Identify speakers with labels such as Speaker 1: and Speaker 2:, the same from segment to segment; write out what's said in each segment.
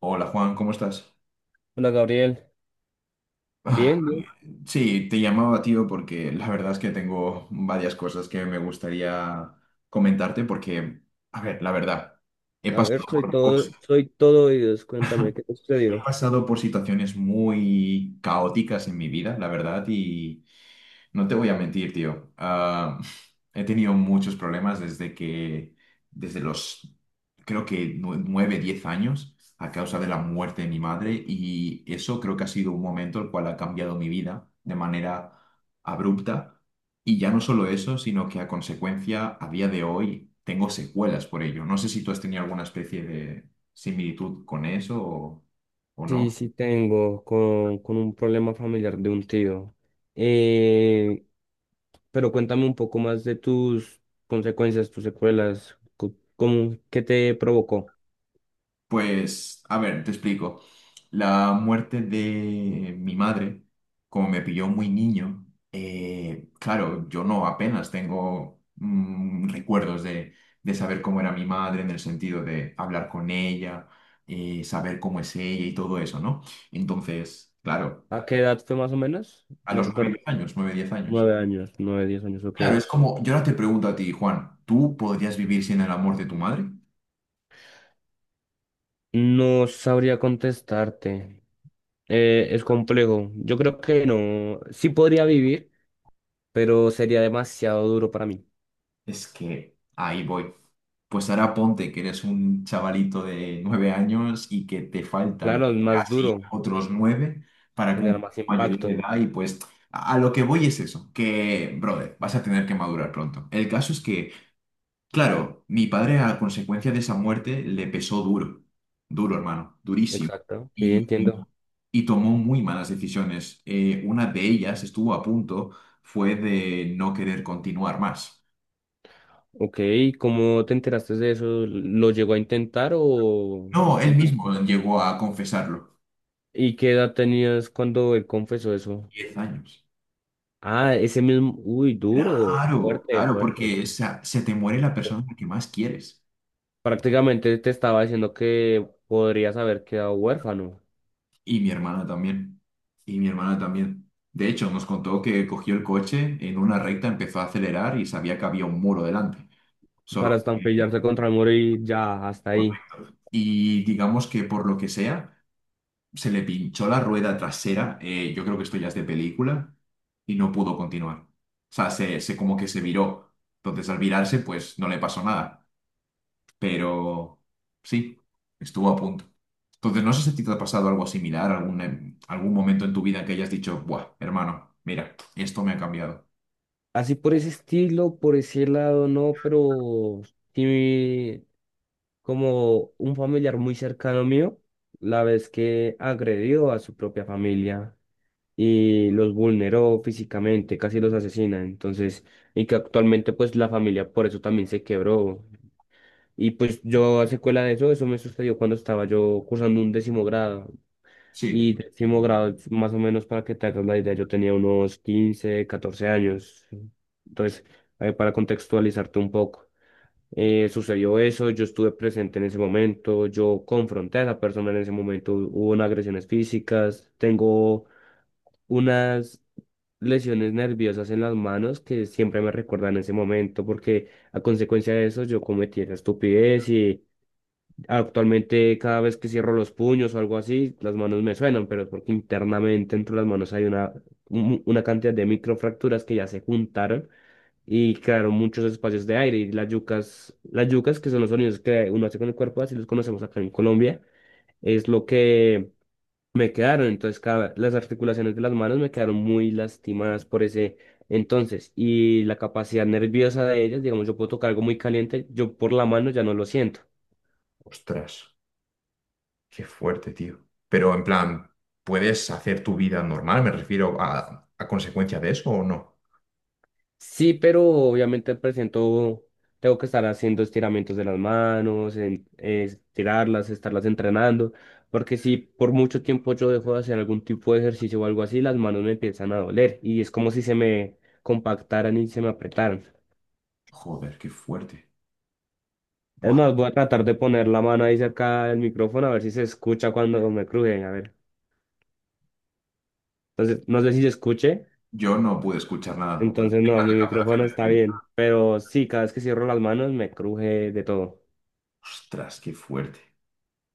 Speaker 1: Hola Juan, ¿cómo estás?
Speaker 2: Hola Gabriel,
Speaker 1: Ah,
Speaker 2: bien, bien.
Speaker 1: sí, te llamaba tío porque la verdad es que tengo varias cosas que me gustaría comentarte porque, a ver, la verdad, he
Speaker 2: A ver,
Speaker 1: pasado
Speaker 2: soy
Speaker 1: por cosas,
Speaker 2: todo, soy todo oídos. Cuéntame, ¿qué te
Speaker 1: he
Speaker 2: sucedió?
Speaker 1: pasado por situaciones muy caóticas en mi vida, la verdad, y no te voy a mentir, tío. Ah, he tenido muchos problemas desde que, desde los, creo que nueve, 10 años, a causa de la muerte de mi madre, y eso creo que ha sido un momento el cual ha cambiado mi vida de manera abrupta. Y ya no solo eso, sino que a consecuencia, a día de hoy, tengo secuelas por ello. No sé si tú has tenido alguna especie de similitud con eso o
Speaker 2: Sí,
Speaker 1: no.
Speaker 2: sí tengo con un problema familiar de un tío. Eh, pero cuéntame un poco más de tus consecuencias, tus secuelas, cómo, qué te provocó.
Speaker 1: Pues, a ver, te explico. La muerte de mi madre, como me pilló muy niño, claro, yo no apenas tengo recuerdos de saber cómo era mi madre en el sentido de hablar con ella, saber cómo es ella y todo eso, ¿no? Entonces, claro,
Speaker 2: ¿A qué edad fue más o menos?
Speaker 1: a
Speaker 2: Me
Speaker 1: los
Speaker 2: recuerdo.
Speaker 1: 9 10 años, 9 10 años.
Speaker 2: 9 años, nueve, 10 años, ok.
Speaker 1: Claro, es como, yo ahora te pregunto a ti, Juan, ¿tú podrías vivir sin el amor de tu madre?
Speaker 2: No sabría contestarte. Es complejo. Yo creo que no. Sí podría vivir, pero sería demasiado duro para mí.
Speaker 1: Es que ahí voy. Pues ahora ponte que eres un chavalito de nueve años y que te faltan
Speaker 2: Claro, es más
Speaker 1: casi
Speaker 2: duro,
Speaker 1: otros nueve para
Speaker 2: genera
Speaker 1: cumplir
Speaker 2: más
Speaker 1: la mayoría de
Speaker 2: impacto.
Speaker 1: edad y pues a lo que voy es eso, que, brother, vas a tener que madurar pronto. El caso es que, claro, mi padre a consecuencia de esa muerte le pesó duro, duro hermano, durísimo.
Speaker 2: Exacto. Sí,
Speaker 1: Y, y-
Speaker 2: entiendo.
Speaker 1: y tomó muy malas decisiones. Una de ellas estuvo a punto, fue de no querer continuar más.
Speaker 2: Ok, ¿cómo te enteraste de eso? ¿Lo llegó a intentar o...?
Speaker 1: No, él mismo llegó a confesarlo.
Speaker 2: ¿Y qué edad tenías cuando él confesó eso?
Speaker 1: 10 años.
Speaker 2: Ah, ese mismo... Uy, duro,
Speaker 1: Claro,
Speaker 2: fuerte,
Speaker 1: claro,
Speaker 2: fuerte.
Speaker 1: porque se te muere la
Speaker 2: Pues,
Speaker 1: persona que más quieres.
Speaker 2: prácticamente te estaba diciendo que podrías haber quedado huérfano
Speaker 1: Y mi hermana también. Y mi hermana también. De hecho, nos contó que cogió el coche, en una recta empezó a acelerar y sabía que había un muro delante.
Speaker 2: para
Speaker 1: Solo que-
Speaker 2: estampillarse contra el muro y ya, hasta ahí.
Speaker 1: Y digamos que por lo que sea, se le pinchó la rueda trasera. Yo creo que esto ya es de película. Y no pudo continuar. O sea, se como que se viró. Entonces, al virarse, pues no le pasó nada, pero sí, estuvo a punto. Entonces, no sé si a ti te ha pasado algo similar, algún momento en tu vida que hayas dicho, buah, hermano, mira, esto me ha cambiado.
Speaker 2: Así por ese estilo, por ese lado, no, pero... Sí, como un familiar muy cercano mío, la vez que agredió a su propia familia y los vulneró físicamente, casi los asesina, entonces, y que actualmente pues la familia por eso también se quebró. Y pues yo a secuela de eso, eso me sucedió cuando estaba yo cursando un décimo grado.
Speaker 1: Sí.
Speaker 2: Y décimo grado, más o menos para que te hagas la idea, yo tenía unos 15 14 años. Entonces, para contextualizarte un poco. Sucedió eso, yo estuve presente en ese momento, yo confronté a esa persona en ese momento, hubo unas agresiones físicas, tengo unas lesiones nerviosas en las manos que siempre me recuerdan ese momento porque a consecuencia de eso yo cometí esa estupidez y actualmente cada vez que cierro los puños o algo así, las manos me suenan, pero es porque internamente entre las manos hay una cantidad de microfracturas que ya se juntaron y crearon muchos espacios de aire. Y las yucas, que son los sonidos que uno hace con el cuerpo, así los conocemos acá en Colombia, es lo que me quedaron. Entonces, las articulaciones de las manos me quedaron muy lastimadas por ese entonces. Y la capacidad nerviosa de ellas, digamos, yo puedo tocar algo muy caliente, yo por la mano ya no lo siento.
Speaker 1: Ostras, qué fuerte, tío. Pero en plan, ¿puedes hacer tu vida normal? Me refiero a consecuencia de eso o no.
Speaker 2: Sí, pero obviamente al presento tengo que estar haciendo estiramientos de las manos, estirarlas, estarlas entrenando, porque si por mucho tiempo yo dejo de hacer algún tipo de ejercicio o algo así, las manos me empiezan a doler y es como si se me compactaran y se me apretaran.
Speaker 1: Joder, qué fuerte.
Speaker 2: Es
Speaker 1: Buah,
Speaker 2: más, voy a tratar de poner la mano ahí cerca del micrófono a ver si se escucha cuando me cruje, a ver. Entonces, no sé si se escuche,
Speaker 1: yo no pude escuchar nada.
Speaker 2: entonces
Speaker 1: Venga,
Speaker 2: no, mi
Speaker 1: la
Speaker 2: micrófono
Speaker 1: cancelación del
Speaker 2: está
Speaker 1: ruido.
Speaker 2: bien, pero sí, cada vez que cierro las manos me cruje de todo.
Speaker 1: Ostras, qué fuerte.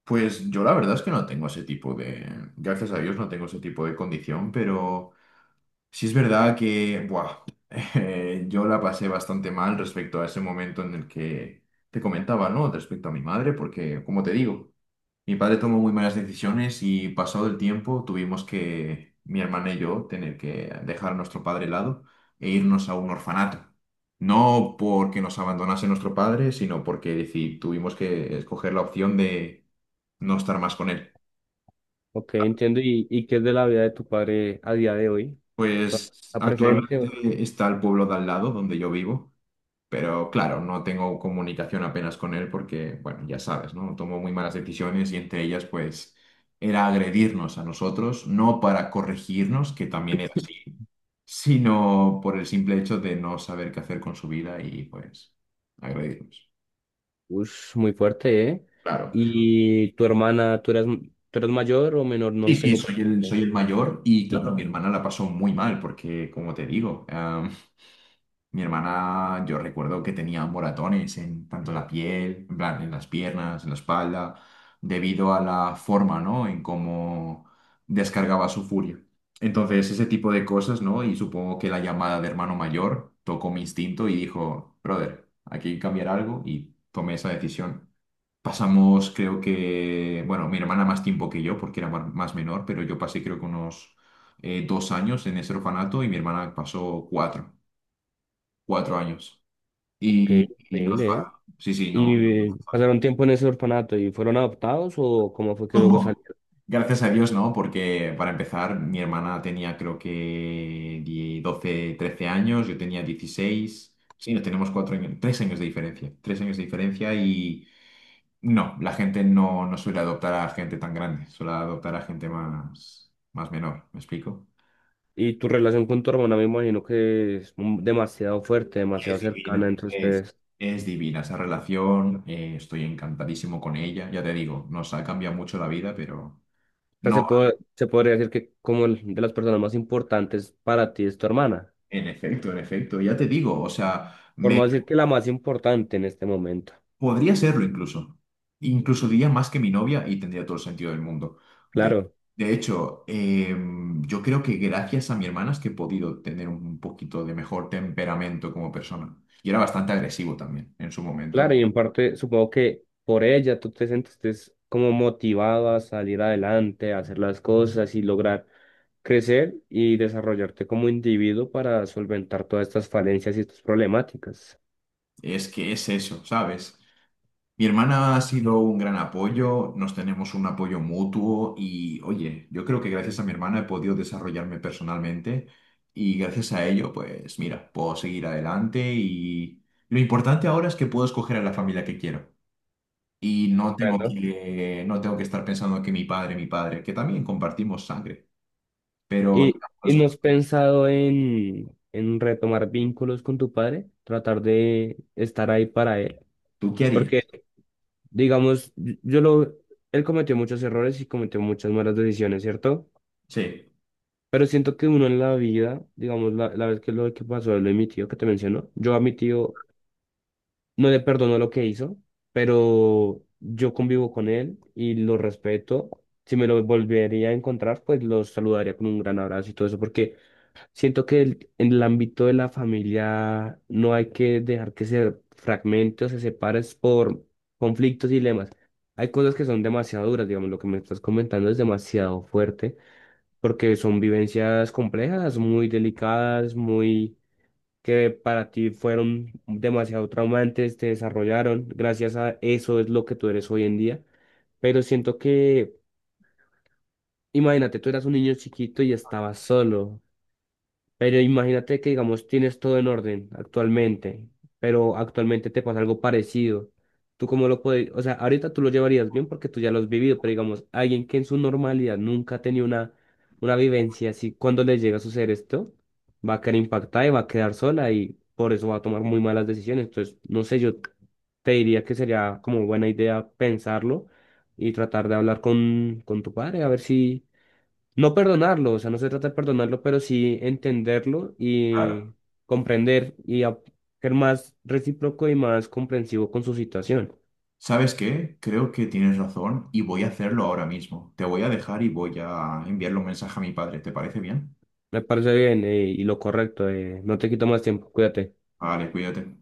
Speaker 1: Pues yo la verdad es que no tengo ese tipo de... Gracias a Dios no tengo ese tipo de condición, pero... Sí es verdad que, buah, yo la pasé bastante mal respecto a ese momento en el que te comentaba, ¿no? Respecto a mi madre, porque, como te digo, mi padre tomó muy malas decisiones y pasado el tiempo tuvimos que, mi hermana y yo, tener que dejar a nuestro padre de lado e irnos a un orfanato. No porque nos abandonase nuestro padre, sino porque tuvimos que escoger la opción de no estar más con él.
Speaker 2: Ok, entiendo. ¿Y qué es de la vida de tu padre a día de hoy? ¿Todavía
Speaker 1: Pues
Speaker 2: está presente?
Speaker 1: actualmente está el pueblo de al lado donde yo vivo. Pero claro, no tengo comunicación apenas con él porque, bueno, ya sabes, ¿no? Tomó muy malas decisiones y entre ellas, pues, era agredirnos a nosotros, no para corregirnos, que también era así, sino por el simple hecho de no saber qué hacer con su vida y, pues, agredirnos.
Speaker 2: Ush, muy fuerte, ¿eh?
Speaker 1: Claro.
Speaker 2: ¿Y tu hermana, tú eras mayor o menor? No
Speaker 1: Sí,
Speaker 2: lo
Speaker 1: sí,
Speaker 2: tengo
Speaker 1: soy el, soy
Speaker 2: presente.
Speaker 1: el mayor y, claro, mi hermana la pasó muy mal porque, como te digo, mi hermana, yo recuerdo que tenía moratones en tanto la piel, en plan, en las piernas, en la espalda, debido a la forma, ¿no? En cómo descargaba su furia. Entonces, ese tipo de cosas, ¿no? Y supongo que la llamada de hermano mayor tocó mi instinto y dijo, brother, aquí hay que cambiar algo y tomé esa decisión. Pasamos, creo que, bueno, mi hermana más tiempo que yo, porque era más menor, pero yo pasé creo que unos dos años en ese orfanato y mi hermana pasó cuatro, cuatro años.
Speaker 2: Qué
Speaker 1: Y no es
Speaker 2: increíble, ¿eh?
Speaker 1: fácil. Sí, sí,
Speaker 2: ¿Y
Speaker 1: no.
Speaker 2: pasaron tiempo en ese orfanato y fueron adoptados o cómo fue que luego salieron?
Speaker 1: Gracias a Dios, ¿no? Porque para empezar, mi hermana tenía creo que 12, 13 años, yo tenía 16. Sí, nos tenemos cuatro años, tres años de diferencia. Tres años de diferencia y no, la gente no suele adoptar a gente tan grande, suele adoptar a gente más menor, ¿me explico?
Speaker 2: Y tu relación con tu hermana me imagino que es demasiado fuerte, demasiado
Speaker 1: Es
Speaker 2: cercana
Speaker 1: divina,
Speaker 2: entre
Speaker 1: es,
Speaker 2: ustedes.
Speaker 1: es divina esa relación, estoy encantadísimo con ella, ya te digo, nos ha cambiado mucho la vida, pero...
Speaker 2: O sea,
Speaker 1: No.
Speaker 2: se podría decir que como de las personas más importantes para ti es tu hermana.
Speaker 1: En efecto, ya te digo, o sea,
Speaker 2: Por
Speaker 1: me
Speaker 2: no decir que la más importante en este momento.
Speaker 1: podría serlo incluso. Incluso diría más que mi novia y tendría todo el sentido del mundo. De,
Speaker 2: Claro,
Speaker 1: de hecho, yo creo que gracias a mi hermana es que he podido tener un poquito de mejor temperamento como persona. Y era bastante agresivo también en su momento.
Speaker 2: claro, y en parte supongo que por ella tú te sentiste como motivado a salir adelante, a hacer las cosas y lograr crecer y desarrollarte como individuo para solventar todas estas falencias y estas problemáticas.
Speaker 1: Es que es eso, ¿sabes? Mi hermana ha sido un gran apoyo, nos tenemos un apoyo mutuo y, oye, yo creo que gracias a mi hermana he podido desarrollarme personalmente y gracias a ello, pues mira, puedo seguir adelante y lo importante ahora es que puedo escoger a la familia que quiero y no tengo
Speaker 2: Comprendo.
Speaker 1: que, no tengo que estar pensando que mi padre, que también compartimos sangre, pero
Speaker 2: ¿Y,
Speaker 1: ya,
Speaker 2: y
Speaker 1: pues,
Speaker 2: no has pensado en, retomar vínculos con tu padre? Tratar de estar ahí para él.
Speaker 1: ¿tú qué
Speaker 2: Porque
Speaker 1: harías?
Speaker 2: Digamos, él cometió muchos errores y cometió muchas malas decisiones, ¿cierto?
Speaker 1: Sí,
Speaker 2: Pero siento que uno en la vida, digamos, la vez que lo que pasó, lo de mi tío que te mencionó, yo a mi tío no le perdono lo que hizo, pero yo convivo con él y lo respeto. Si me lo volvería a encontrar, pues lo saludaría con un gran abrazo y todo eso, porque siento que en el ámbito de la familia no hay que dejar que se fragmente o se separe por conflictos y dilemas. Hay cosas que son demasiado duras, digamos, lo que me estás comentando es demasiado fuerte, porque son vivencias complejas, muy delicadas, muy que para ti fueron demasiado traumantes, te desarrollaron. Gracias a eso es lo que tú eres hoy en día. Pero siento que, imagínate, tú eras un niño chiquito y estabas solo. Pero imagínate que, digamos, tienes todo en orden actualmente, pero actualmente te pasa algo parecido. ¿Tú cómo lo puedes? O sea, ahorita tú lo llevarías bien porque tú ya lo has vivido, pero digamos, alguien que en su normalidad nunca ha tenido una vivencia así, cuando le llega a suceder esto, va a quedar impactada y va a quedar sola y por eso va a tomar muy malas decisiones. Entonces, no sé, yo te diría que sería como buena idea pensarlo y tratar de hablar con tu padre, a ver si no perdonarlo, o sea, no se trata de perdonarlo, pero sí entenderlo
Speaker 1: claro.
Speaker 2: y comprender y ser más recíproco y más comprensivo con su situación.
Speaker 1: ¿Sabes qué? Creo que tienes razón y voy a hacerlo ahora mismo. Te voy a dejar y voy a enviarle un mensaje a mi padre. ¿Te parece bien?
Speaker 2: Me parece bien, y lo correcto. No te quito más tiempo, cuídate.
Speaker 1: Vale, cuídate.